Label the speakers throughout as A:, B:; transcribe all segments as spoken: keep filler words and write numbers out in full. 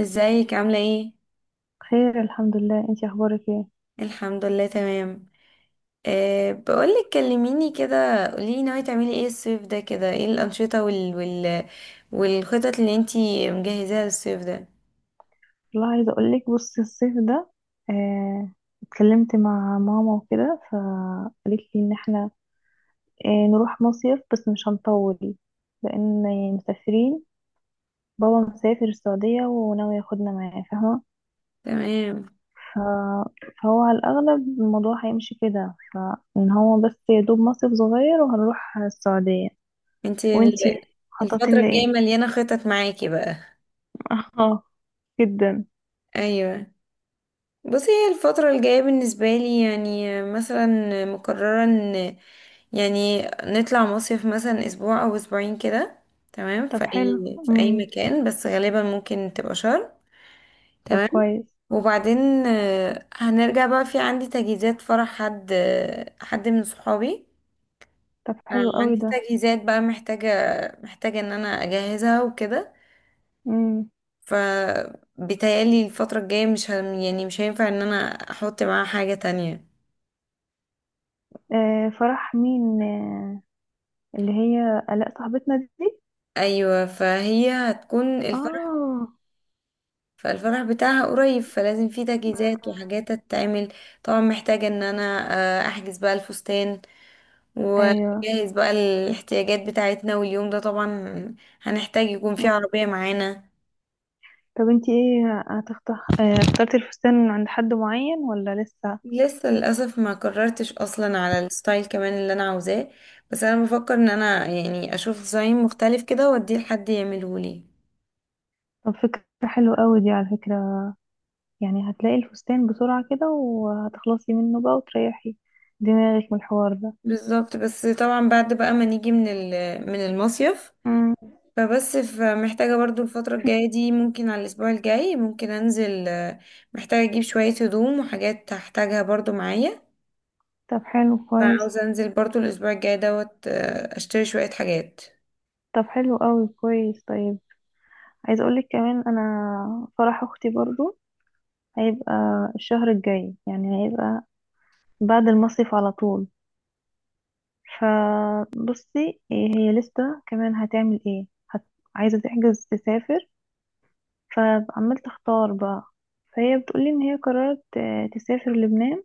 A: ازيك عاملة ايه؟
B: خير، الحمد لله. انتي اخبارك ايه؟
A: الحمد لله تمام. أه بقولك، كلميني كده، قوليلي ناوية تعملي ايه الصيف ده، كده ايه الأنشطة وال... وال... والخطط اللي انتي مجهزاها للصيف ده.
B: والله عايزه اقول لك، بصي الصيف ده، آه اتكلمت مع ماما وكده، فقالت لي ان احنا آه نروح مصيف، بس مش هنطول، لان يعني مسافرين. بابا مسافر السعوديه وناوي ياخدنا معاه، فاهمه؟
A: تمام.
B: ف... فهو على الاغلب الموضوع هيمشي كده، فان هو بس يا دوب مصيف صغير وهنروح السعوديه.
A: انتي
B: وانتي
A: ال- الفترة
B: مخططين
A: الجاية
B: لايه؟
A: مليانة خطط معاكي بقى.
B: اه، جدا.
A: ايوه. بصي، هي الفترة الجاية بالنسبة لي يعني مثلا مقررة ان يعني نطلع مصيف مثلا اسبوع او اسبوعين كده، تمام،
B: طب
A: في
B: حلو.
A: اي في اي
B: مم.
A: مكان، بس غالبا ممكن تبقى شرم.
B: طب
A: تمام.
B: كويس.
A: وبعدين آه، هنرجع بقى، في عندي تجهيزات فرح حد، آه، حد من صحابي.
B: طب
A: آه،
B: حلو قوي
A: عندي
B: ده.
A: تجهيزات بقى، محتاجة محتاجة ان انا اجهزها وكده.
B: امم
A: ف بيتهيألي الفترة الجاية مش هم يعني مش هينفع ان انا احط معاها حاجة تانية.
B: آه فرح مين؟ آه، اللي هي آلاء صاحبتنا دي.
A: ايوه، فهي هتكون الفرح.
B: اه،
A: فالفرح بتاعها قريب، فلازم في تجهيزات وحاجات تتعمل. طبعا محتاجة ان انا آه، احجز بقى الفستان،
B: ايوه.
A: وجهز بقى الاحتياجات بتاعتنا، واليوم ده طبعا هنحتاج يكون فيه
B: مم.
A: عربية معانا.
B: طب انتي ايه هتختار، آه اخترتي الفستان عند حد معين ولا لسه؟
A: لسه للأسف ما قررتش أصلا على الستايل كمان اللي أنا عاوزاه، بس أنا بفكر إن أنا يعني أشوف ديزاين مختلف كده وأديه لحد يعملهولي.
B: طب فكرة حلوة قوي دي على فكرة. يعني هتلاقي الفستان بسرعة كده وهتخلصي منه بقى وتريحي دماغك من الحوار ده.
A: بالظبط، بس طبعا بعد بقى ما نيجي من ال- من المصيف.
B: امم.
A: فبس محتاجة برضو الفترة الجاية دي، ممكن على الأسبوع الجاي ممكن أنزل، آه، محتاجة أجيب شوية هدوم وحاجات هحتاجها برضو معايا.
B: طب حلو، كويس.
A: فعاوزة انزل برضو الاسبوع الجاي دوت، آه، اشتري شوية حاجات.
B: طب حلو قوي، كويس، طيب. عايزة اقولك كمان، انا فرح اختي برضو هيبقى الشهر الجاي، يعني هيبقى بعد المصيف على طول. فبصي إيه، هي لسه كمان هتعمل ايه، هت... عايزة تحجز تسافر، فعمال تختار بقى. فهي بتقولي ان هي قررت آه، تسافر لبنان.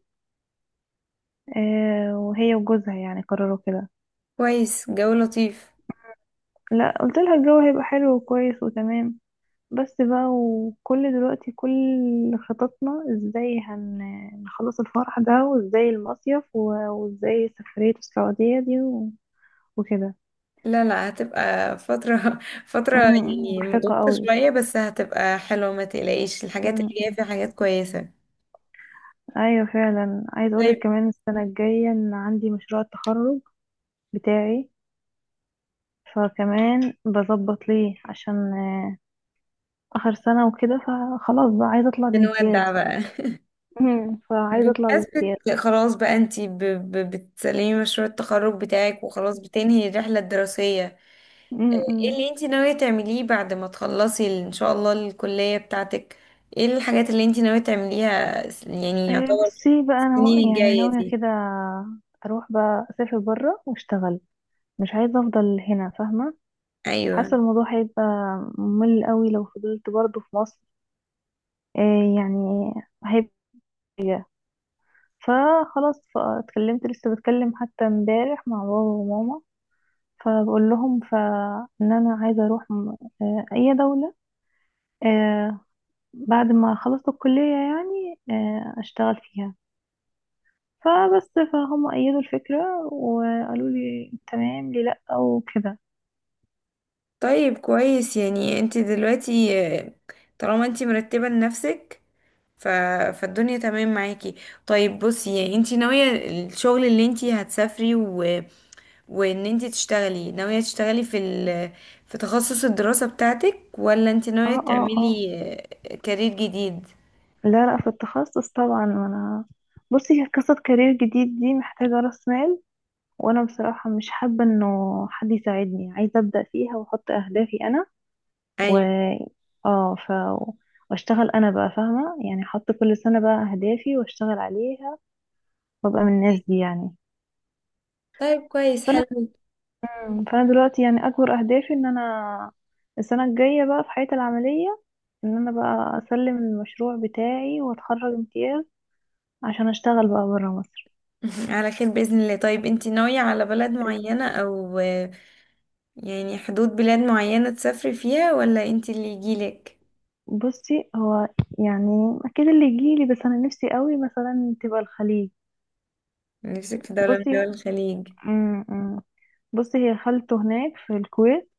B: آه، وهي وجوزها يعني قرروا كده.
A: كويس، جو لطيف.
B: لا، قلت لها الجو هيبقى حلو وكويس وتمام. بس بقى، وكل دلوقتي كل خططنا ازاي هنخلص الفرح ده وازاي المصيف و- وازاي سفرية السعودية دي وكده.
A: لا لا، هتبقى فترة فترة
B: أمم،
A: يعني
B: مرهقة
A: مضغوطة
B: قوي.
A: شوية، بس هتبقى حلوة، ما تقلقيش، الحاجات اللي جاية
B: أمم،
A: فيها حاجات كويسة.
B: أيوة فعلا. عايز أقولك
A: طيب.
B: كمان، السنة الجاية إن عندي مشروع التخرج بتاعي، فكمان بظبط ليه، عشان آه، آخر سنة وكده، فخلاص بقى عايزة أطلع
A: بنودع
B: بامتياز.
A: بقى
B: مم. فعايزة أطلع
A: بمناسبة
B: بامتياز.
A: خلاص بقى، انتي ب- ب- بتسلمي مشروع التخرج بتاعك، وخلاص بتنهي الرحلة الدراسية. ايه
B: مم.
A: اللي انتي ناوية تعمليه بعد ما تخلصي ال- ان شاء الله الكلية بتاعتك؟ ايه الحاجات اللي انتي ناوية تعمليها س- يعني
B: آه،
A: يعتبر
B: بصي بقى أنا
A: السنين
B: ناو- يعني
A: الجاية
B: ناوية
A: دي؟
B: كده أروح بقى أسافر برا وأشتغل. مش عايزة أفضل هنا، فاهمة. حاسة
A: ايوه.
B: الموضوع هيبقى ممل قوي لو فضلت برضه في مصر. آه، يعني Yeah. فخلاص، فاتكلمت، لسه بتكلم حتى امبارح مع بابا وماما، فبقول لهم ف ان انا عايزه اروح م- آه، اي دوله، آه، بعد ما خلصت الكليه يعني، آه، اشتغل فيها. فبس فهم ايدوا الفكره وقالوا لي تمام لي لا او كده.
A: طيب كويس. يعني انت دلوقتي، آه، طالما انت مرتبة لنفسك، ف... فالدنيا تمام معاكي. طيب بصي، يعني انت ناوية الشغل اللي انت هتسافري و... وان انت تشتغلي، ناوية تشتغلي في ال... في تخصص الدراسة بتاعتك، ولا انت
B: اه
A: ناوية
B: اه اه
A: تعملي آه، كارير جديد؟
B: لا لا، في التخصص طبعا. انا بصي قصة كارير جديد دي محتاجة راس مال، وانا بصراحة مش حابة انه حد يساعدني، عايزة ابدأ فيها واحط اهدافي انا. و
A: ايوه.
B: اه، ف واشتغل انا بقى، فاهمة؟ يعني احط كل سنة بقى اهدافي واشتغل عليها وابقى من الناس دي يعني.
A: طيب كويس
B: فانا
A: حلو.
B: مم. فانا دلوقتي يعني اكبر اهدافي ان انا السنة الجاية بقى في حياتي العملية ان انا بقى اسلم المشروع بتاعي واتخرج امتياز عشان اشتغل بقى برا مصر.
A: على خير بإذن الله. طيب انت ناوية على بلد معينة، او آه، يعني حدود بلاد معينة تسافري فيها، ولا انت اللي يجيلك؟
B: بصي هو يعني اكيد اللي يجيلي، بس انا نفسي قوي مثلا تبقى الخليج.
A: نفسك في دولة من
B: بصي،
A: دول الخليج.
B: م -م. بصي هي خالته هناك في الكويت،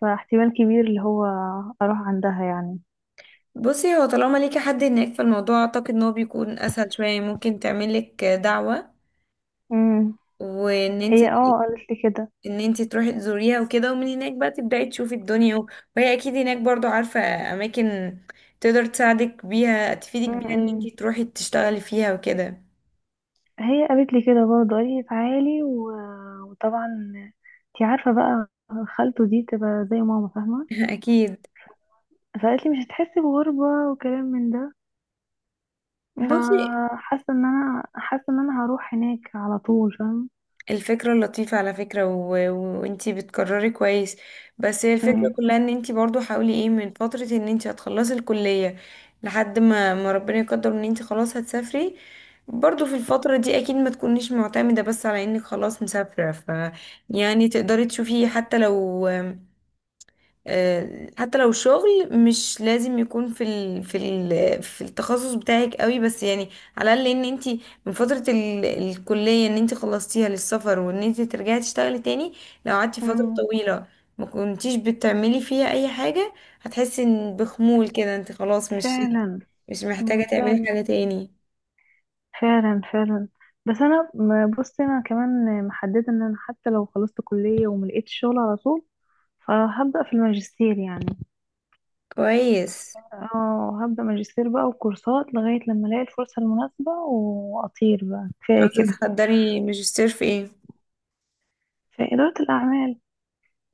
B: فاحتمال كبير اللي هو اروح عندها يعني.
A: بصي هو طالما ليكي حد هناك، فالموضوع اعتقد ان هو بيكون اسهل شوية، ممكن تعملك دعوة
B: امم.
A: وان انت
B: هي اه قالت لي كده.
A: ان انت تروحي تزوريها وكده، ومن هناك بقى تبدأي تشوفي الدنيا و- وهي اكيد هناك برضو عارفة اماكن تقدر تساعدك بيها، تفيدك بيها ان
B: امم.
A: انت تروحي تشتغلي فيها وكده.
B: هي قالت لي كده برضه، قالت لي تعالي و... وطبعا انتي عارفة بقى، خالته دي تبقى زي ماما، فاهمة؟
A: اكيد.
B: فقالت لي مش هتحسي بغربة وكلام من ده.
A: بصي
B: فحاسة ان انا، حاسة ان انا هروح هناك على طول، فاهمة.
A: الفكرة لطيفة على فكرة، و... و- وانتي بتكرري كويس، بس هي الفكرة
B: امم.
A: كلها ان انتي برضو حاولي ايه من فترة، ان انتي هتخلصي الكلية، لحد ما, ما ربنا يقدر، ان انتي خلاص هتسافري. برضو في الفترة دي اكيد ما تكونيش معتمدة بس على انك خلاص مسافرة، ف يعني تقدري تشوفي حتى لو آه، حتى لو شغل مش لازم يكون في ال... في ال... في التخصص بتاعك قوي، بس يعني على الاقل ان انت من فتره ال... الكليه ان انت خلصتيها للسفر، وان انت ترجعي تشتغلي تاني. لو قعدتي فتره
B: امم،
A: طويله ما كنتيش بتعملي فيها اي حاجه، هتحسي إن بخمول كده، انت خلاص مش
B: فعلا.
A: مش
B: امم
A: محتاجه تعملي
B: فعلا.
A: حاجه تاني.
B: فعلا فعلا بس انا م- بصي انا كمان محدده ان انا حتى لو خلصت كليه وما لقيتش شغل على طول، فهبدا في الماجستير يعني.
A: كويس.
B: اه، هبدا ماجستير بقى وكورسات، لغايه لما الاقي الفرصه المناسبه واطير بقى، كفايه
A: عايزه
B: كده.
A: تحضري ماجستير في ايه؟
B: في اداره الاعمال،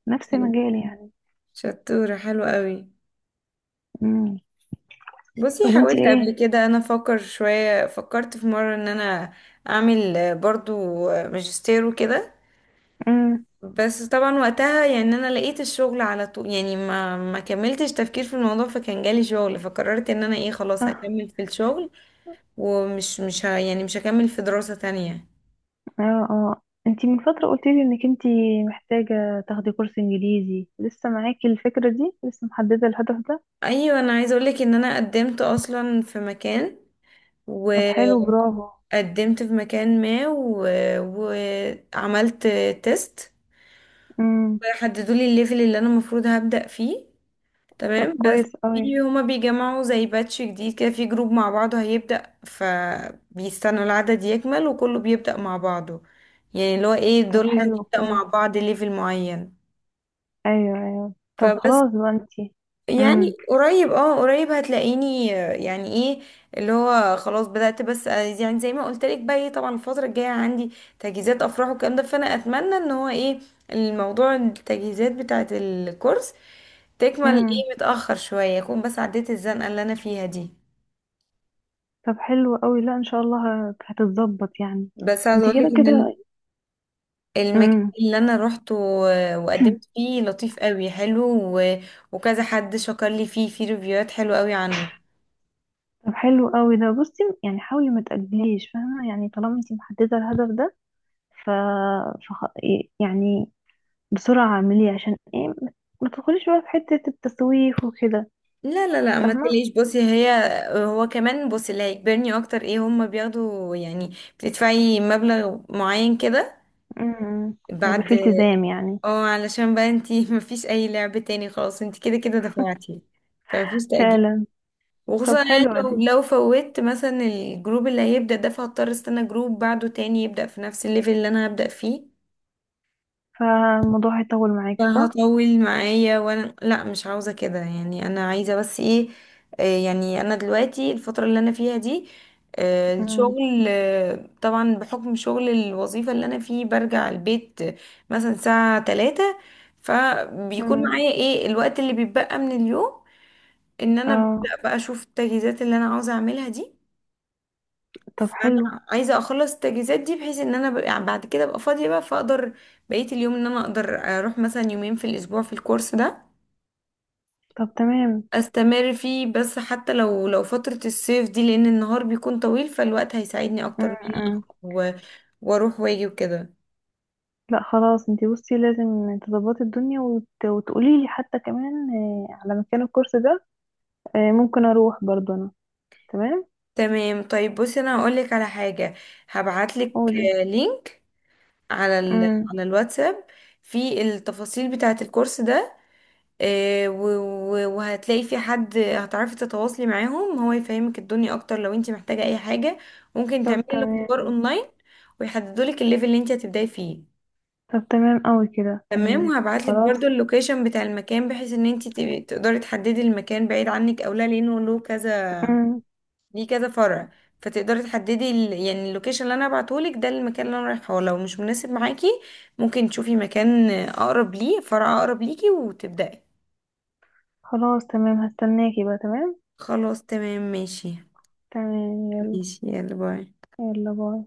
B: نفس
A: حلو.
B: مجالي يعني.
A: شطوره، حلوه قوي.
B: امم. طب
A: بصي
B: وانتي
A: حاولت قبل
B: ايه؟
A: كده، انا افكر شوية، فكرت في مرة ان انا اعمل آه، برضو آه، ماجستير وكده،
B: امم.
A: بس طبعا وقتها يعني انا لقيت الشغل على طول، يعني ما ما كملتش تفكير في الموضوع، فكان جالي شغل، فقررت ان انا ايه خلاص
B: اه
A: هكمل في الشغل، ومش مش ه يعني مش هكمل في دراسة تانية.
B: اه اه انتي من فتره قلتي لي انك انتي محتاجه تاخدي كورس انجليزي، لسه معاكي الفكره دي؟ لسه محدده الهدف ده؟
A: ايوه. انا عايزة اقولك ان انا قدمت اصلا في مكان،
B: طب حلو،
A: وقدمت
B: برافو.
A: في مكان ما و... وعملت تيست
B: امم.
A: يحددوا لي الليفل اللي انا المفروض هبدأ فيه،
B: طب
A: تمام. بس
B: كويس قوي.
A: في هما بيجمعوا زي باتش جديد كده في جروب مع بعضه هيبدأ، فبيستنوا العدد يكمل وكله بيبدأ مع بعضه، يعني اللي هو ايه
B: طب
A: دول اللي
B: حلو،
A: هنبدأ
B: كويس.
A: مع بعض ليفل معين.
B: ايوه ايوه. طب
A: فبس
B: خلاص بقى انتي.
A: يعني
B: امم.
A: قريب، اه قريب هتلاقيني، آه، يعني ايه، اللي هو خلاص بدأت، بس آه، يعني زي ما قلت لك بقى ايه، طبعا الفترة الجاية عندي تجهيزات افراح والكلام ده، فانا اتمنى ان هو ايه الموضوع، التجهيزات بتاعة الكورس تكمل
B: امم.
A: ايه متأخر شوية، اكون بس عديت الزنقة اللي انا فيها دي.
B: طب حلو قوي، لا ان شاء الله هت- هتتظبط يعني،
A: بس عايزة
B: انتي
A: اقولك
B: كده
A: ان ال-
B: كده.
A: المكان
B: امم.
A: اللي انا روحته و- وقدمت فيه لطيف قوي، حلو و... وكذا حد شكر لي فيه في ريفيوهات حلوة قوي عنه.
B: طب حلو قوي ده. بصي يعني حاولي ما تأجليش، فاهمه؟ يعني طالما انتي محدده الهدف ده، ف... فخ... يعني بسرعه اعمليه، عشان ايه ما ما تدخليش بقى في حته التسويف وكده.
A: لا لا لا ما
B: فاهمه.
A: تقلقيش، بصي هي، هو كمان بصي اللي هيجبرني اكتر ايه، هما بياخدوا يعني بتدفعي مبلغ معين كده
B: امم. هيبقى
A: بعد.
B: فيه التزام يعني.
A: اه علشان بقى انتي مفيش اي لعب تاني، خلاص انتي كده كده دفعتي، فمفيش تأجيل.
B: فعلا.
A: وخصوصا
B: طب
A: يعني
B: حلوة
A: لو
B: دي.
A: لو فوت مثلا الجروب اللي هيبدأ ده، فهضطر استنى جروب بعده تاني يبدأ في نفس الليفل اللي انا هبدأ فيه.
B: فالموضوع هيطول معاكي، صح؟
A: فهطول معايا، وانا لا مش عاوزة كده، يعني انا عايزة بس ايه، آه، يعني انا دلوقتي الفترة اللي انا فيها دي، آه،
B: مم.
A: الشغل، آه، طبعا بحكم شغل الوظيفة اللي انا فيه برجع البيت آه، مثلا الساعة ثلاثة، فبيكون
B: مم.
A: معايا ايه الوقت اللي بيتبقى من اليوم ان انا ببدأ
B: اه.
A: بقى اشوف التجهيزات اللي انا عاوزة اعملها دي.
B: طب حلو.
A: فانا عايزه اخلص التجهيزات دي بحيث ان انا ب- يعني بعد كده ابقى فاضيه بقى، فاقدر بقيه اليوم ان انا اقدر اروح مثلا يومين في الاسبوع في الكورس ده
B: طب تمام.
A: استمر فيه، بس حتى لو لو فتره الصيف دي، لان النهار بيكون طويل، فالوقت هيساعدني اكتر
B: مم.
A: ان انا
B: مم.
A: أخرج و- واروح واجي وكده.
B: لا خلاص، انتي بصي لازم تظبطي الدنيا وت... وتقولي لي حتى كمان آه، على مكان الكورس ده. آه، ممكن اروح برضه انا. تمام.
A: تمام. طيب بصي انا هقولك على حاجه، هبعتلك
B: قولي.
A: آه، لينك على ال...
B: مم.
A: على الواتساب في التفاصيل بتاعه الكورس ده، آه، و- و- وهتلاقي في حد هتعرفي تتواصلي معاهم هو يفهمك الدنيا اكتر لو انت محتاجة اي حاجة. ممكن
B: طب
A: تعملي الاختبار
B: تمام.
A: اونلاين، ويحددوا لك الليفل اللي انت هتبداي فيه.
B: طب تمام قوي كده،
A: تمام.
B: تمام.
A: وهبعت لك برضو
B: خلاص.
A: اللوكيشن بتاع المكان، بحيث ان انت تبقي- تقدري تحددي المكان بعيد عنك او لا، لانه له كذا
B: مم.
A: ليه كذا فرع، فتقدري تحددي ال... يعني اللوكيشن اللي انا هبعته لك ده المكان اللي انا رايحه، لو مش مناسب معاكي ممكن تشوفي مكان اقرب، ليه فرع اقرب ليكي وتبداي.
B: خلاص تمام، هستناكي بقى. تمام.
A: خلاص تمام ماشي.
B: تمام، يلا.
A: ماشي، يلا باي.
B: يلا باي.